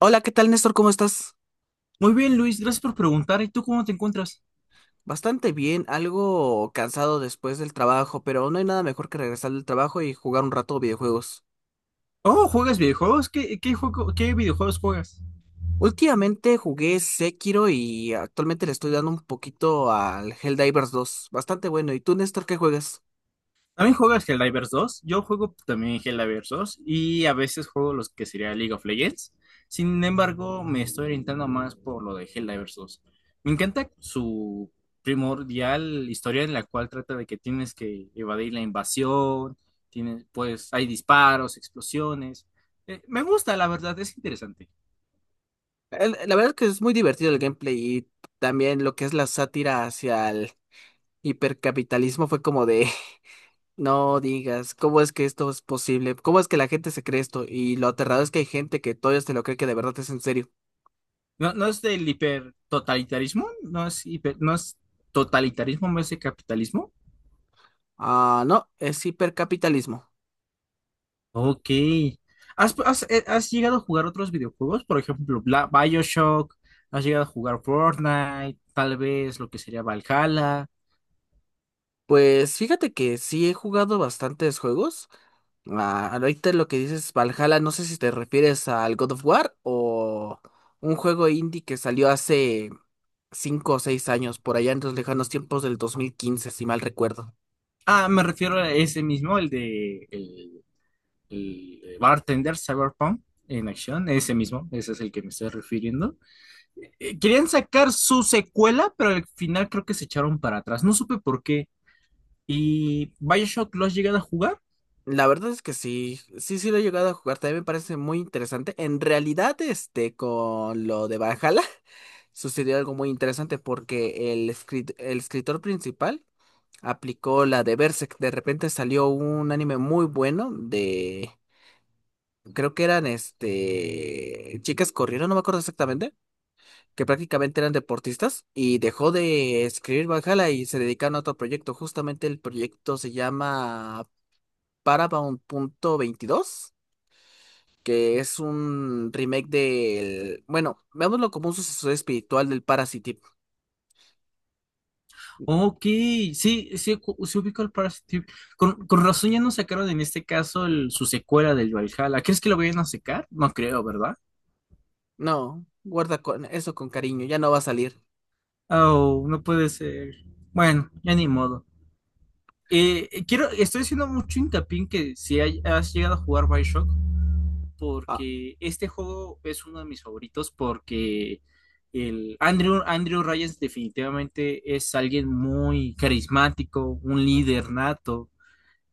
Hola, ¿qué tal, Néstor? ¿Cómo estás? Muy bien, Luis, gracias por preguntar. ¿Y tú cómo te encuentras? Bastante bien, algo cansado después del trabajo, pero no hay nada mejor que regresar del trabajo y jugar un rato videojuegos. Oh, ¿juegas videojuegos? ¿Qué qué videojuegos juegas? Últimamente jugué Sekiro y actualmente le estoy dando un poquito al Helldivers 2, bastante bueno. ¿Y tú, Néstor, qué juegas? ¿También juegas Helldivers 2? Yo juego también Helldivers 2 y a veces juego los que sería League of Legends. Sin embargo, me estoy orientando más por lo de Helldivers 2. Me encanta su primordial historia en la cual trata de que tienes que evadir la invasión, tienes, pues hay disparos, explosiones. Me gusta, la verdad, es interesante. La verdad es que es muy divertido el gameplay y también lo que es la sátira hacia el hipercapitalismo fue como de, no digas, ¿cómo es que esto es posible? ¿Cómo es que la gente se cree esto? Y lo aterrador es que hay gente que todavía se lo cree, que de verdad es en serio. No, no es del hipertotalitarismo, no es hiper, no es totalitarismo, no es de capitalismo. Ah, no, es hipercapitalismo. Ok. ¿ Has llegado a jugar otros videojuegos? Por ejemplo, BioShock, has llegado a jugar Fortnite, tal vez lo que sería Valhalla. Pues fíjate que sí he jugado bastantes juegos. Ah, ahorita lo que dices Valhalla, no sé si te refieres al God of War o un juego indie que salió hace cinco o seis años, por allá en los lejanos tiempos del 2015, si mal recuerdo. Ah, me refiero a ese mismo, el de el Bartender Cyberpunk en acción, ese mismo, ese es el que me estoy refiriendo. Querían sacar su secuela, pero al final creo que se echaron para atrás. No supe por qué. ¿Y Bioshock lo has llegado a jugar? La verdad es que sí, sí, sí lo he llegado a jugar, también me parece muy interesante. En realidad, este, con lo de Valhalla, sucedió algo muy interesante porque el, el escritor principal aplicó la de Berserk. De repente salió un anime muy bueno de, creo que eran este, chicas corrieron, no me acuerdo exactamente, que prácticamente eran deportistas y dejó de escribir Valhalla y se dedicaron a otro proyecto. Justamente el proyecto se llama Paramount.22, que es un remake del, bueno, veámoslo como un sucesor espiritual del Parasite. Ok, sí, sí, sí ubico el Parasite. Con razón ya no sacaron en este caso su secuela del Valhalla. ¿Crees que lo vayan a sacar? No creo, ¿verdad? No, guarda con eso con cariño, ya no va a salir. Oh, no puede ser. Bueno, ya ni modo. Estoy haciendo mucho hincapié en que si hay- has llegado a jugar Bioshock, Ah, porque este juego es uno de mis favoritos, porque el Andrew, Andrew Ryan definitivamente es alguien muy carismático, un líder nato.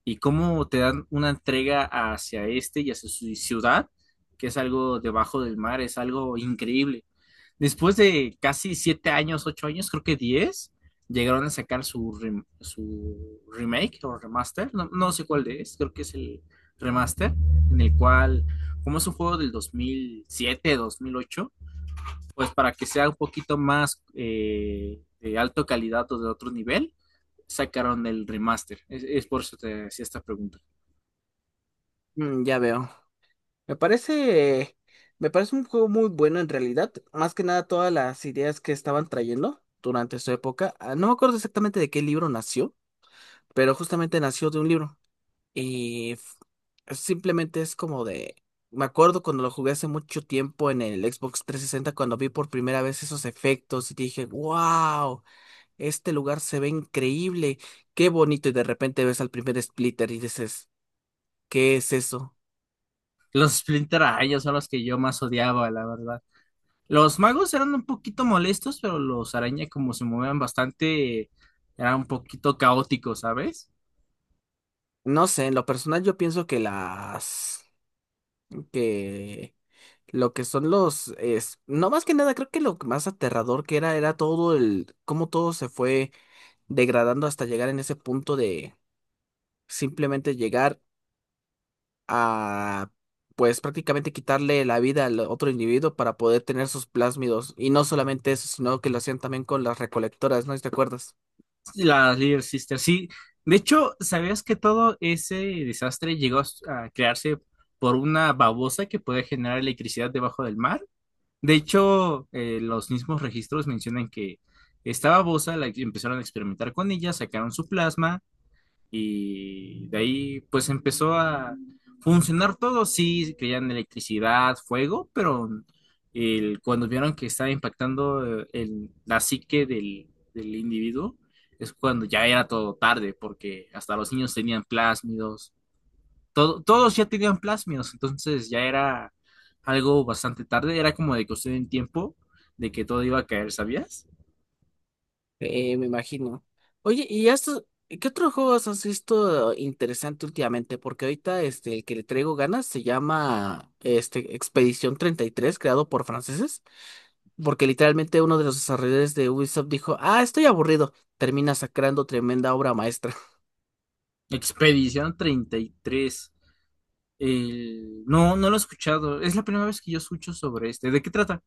Y cómo te dan una entrega hacia este y hacia su ciudad, que es algo debajo del mar, es algo increíble. Después de casi 7 años, 8 años, creo que diez, llegaron a sacar su, su remake o remaster, no, no sé cuál de es, creo que es el remaster, en el cual, como es un juego del 2007 2008, pues para que sea un poquito más de alta calidad o de otro nivel, sacaron el remaster. Es por eso te hacía esta pregunta. mm, ya veo. Me parece, me parece un juego muy bueno en realidad. Más que nada todas las ideas que estaban trayendo durante su época. Ah, no me acuerdo exactamente de qué libro nació, pero justamente nació de un libro. Y f- Simplemente es como de... Me acuerdo cuando lo jugué hace mucho tiempo en el Xbox 360, cuando vi por primera vez esos efectos y dije, wow, este lugar se ve increíble, qué bonito. Y de repente ves al primer Splitter y dices, ¿qué es eso? Los Splinter Araña son los que yo más odiaba, la verdad. Los magos eran un poquito molestos, pero los araña, como se movían bastante, eran un poquito caóticos, ¿sabes? No sé, en lo personal yo pienso que las, que lo que son los es no más que nada, creo que lo más aterrador que era todo el cómo todo se fue degradando hasta llegar en ese punto de simplemente llegar a, pues prácticamente quitarle la vida al otro individuo para poder tener sus plásmidos, y no solamente eso, sino que lo hacían también con las recolectoras, ¿no? ¿Te acuerdas? Las Little Sisters, sí. De hecho, ¿sabías que todo ese desastre llegó a crearse por una babosa que puede generar electricidad debajo del mar? De hecho, los mismos registros mencionan que esta babosa la empezaron a experimentar con ella, sacaron su plasma. Y de ahí pues empezó a funcionar todo, sí, creían electricidad, fuego, pero cuando vieron que estaba impactando la psique del individuo, es cuando ya era todo tarde, porque hasta los niños tenían plásmidos, todos ya tenían plásmidos, entonces ya era algo bastante tarde, era como de cuestión en tiempo de que todo iba a caer, ¿sabías? Me imagino. Oye, ¿y esto, qué otros juegos has visto interesante últimamente? Porque ahorita este, el que le traigo ganas, se llama este, Expedición 33, creado por franceses. Porque literalmente uno de los desarrolladores de Ubisoft dijo, ah, estoy aburrido. Termina sacando tremenda obra maestra. Expedición treinta y tres. No, no lo he escuchado. Es la primera vez que yo escucho sobre este. ¿De qué trata?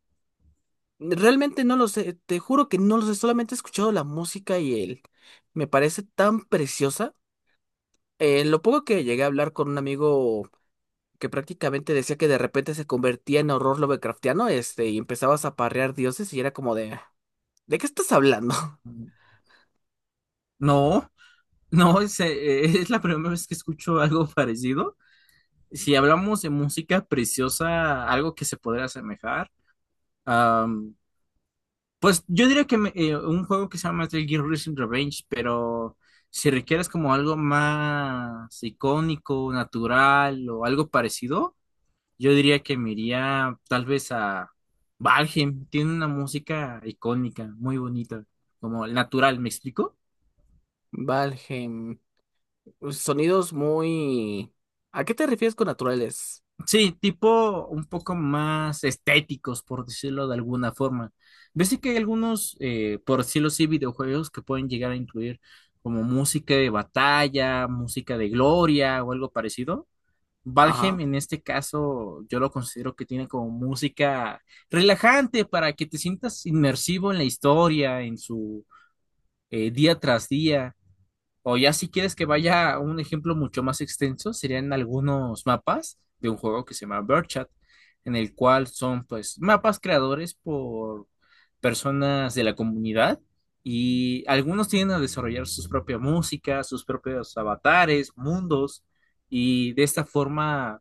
Realmente no lo sé, te juro que no lo sé, solamente he escuchado la música y él me parece tan preciosa. Lo poco que llegué a hablar con un amigo, que prácticamente decía que de repente se convertía en horror Lovecraftiano, este, y empezabas a parrear dioses y era como de, "Ah, ¿de qué estás hablando?" Mm, no, no, es la primera vez que escucho algo parecido. Si hablamos de música preciosa, algo que se podría asemejar, um, pues yo diría que un juego que se llama Metal Gear Rising Revenge, pero si requieres como algo más icónico, natural o algo parecido, yo diría que me iría tal vez a Valheim. Tiene una música icónica, muy bonita, como el natural, ¿me explico? Valheim, sonidos muy... ¿A qué te refieres con naturales? Sí, tipo un poco más estéticos, por decirlo de alguna forma. Yo sé que hay algunos, por decirlo así, videojuegos que pueden llegar a incluir como música de batalla, música de gloria o algo parecido. Valheim Ajá. en este caso yo lo considero que tiene como música relajante para que te sientas inmersivo en la historia, en su día tras día. O ya si quieres que vaya a un ejemplo mucho más extenso, serían algunos mapas de un juego que se llama Birdchat, en el cual son pues mapas creadores por personas de la comunidad y algunos tienden a desarrollar sus propias músicas, sus propios avatares, mundos y de esta forma,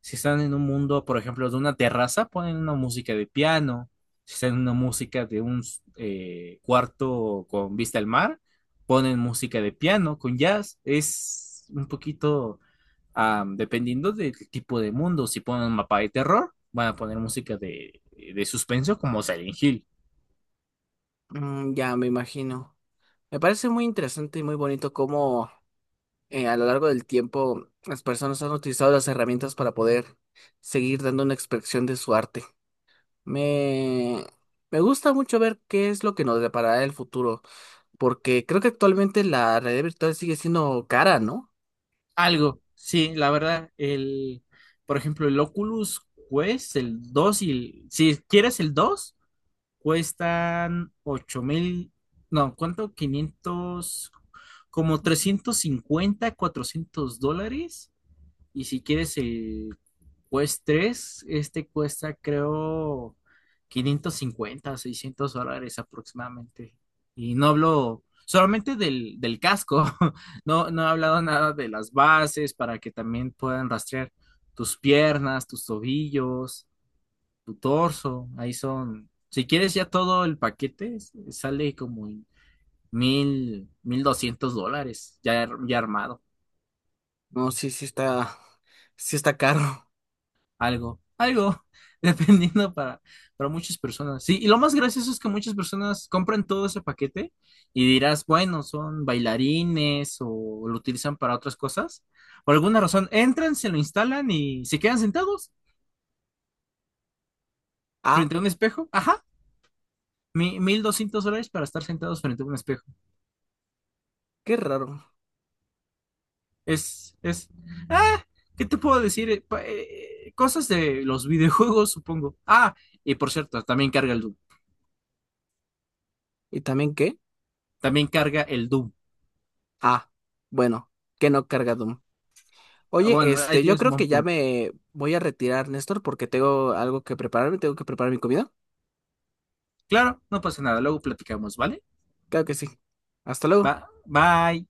si están en un mundo, por ejemplo, de una terraza, ponen una música de piano, si están en una música de un cuarto con vista al mar, ponen música de piano con jazz, es un poquito dependiendo del tipo de mundo, si ponen un mapa de terror, van a poner música de suspenso como Silent Hill. Mm, ya me imagino. Me parece muy interesante y muy bonito cómo, a lo largo del tiempo las personas han utilizado las herramientas para poder seguir dando una expresión de su arte. Me... me gusta mucho ver qué es lo que nos deparará el futuro. Porque creo que actualmente la realidad virtual sigue siendo cara, ¿no? Algo, sí, la verdad, el, por ejemplo, el Oculus Quest, el dos y el, si quieres el 2 cuestan 8.000, no, ¿cuánto? 500, como 350 400 dólares. Y si quieres el, pues 3, este cuesta creo 550, 600 dólares aproximadamente. Y no hablo solamente del casco, no, no he hablado nada de las bases para que también puedan rastrear tus piernas, tus tobillos, tu torso. Ahí son, si quieres ya todo el paquete, sale como en mil, 1.200 dólares ya, ya armado. No, sí, sí está caro. Algo, algo, dependiendo para muchas personas. Sí, y lo más gracioso es que muchas personas compran todo ese paquete y dirás, bueno, son bailarines o lo utilizan para otras cosas. Por alguna razón, entran, se lo instalan y se quedan sentados Ah, frente a un espejo. Ajá, 1.200 dólares para estar sentados frente a un espejo. qué raro. Es, es, ah, ¿Qué te puedo decir? Cosas de los videojuegos, supongo. Ah, y por cierto, también carga el Doom. ¿Y también qué? También carga el Doom. Ah, bueno, que no carga Doom. Ah, Oye, bueno, ahí este, yo tienes un creo buen que ya punto. me voy a retirar, Néstor, porque tengo algo que prepararme, tengo que preparar mi comida. Claro, no pasa nada, luego platicamos, ¿vale? Claro que sí. Hasta Va, luego. bye.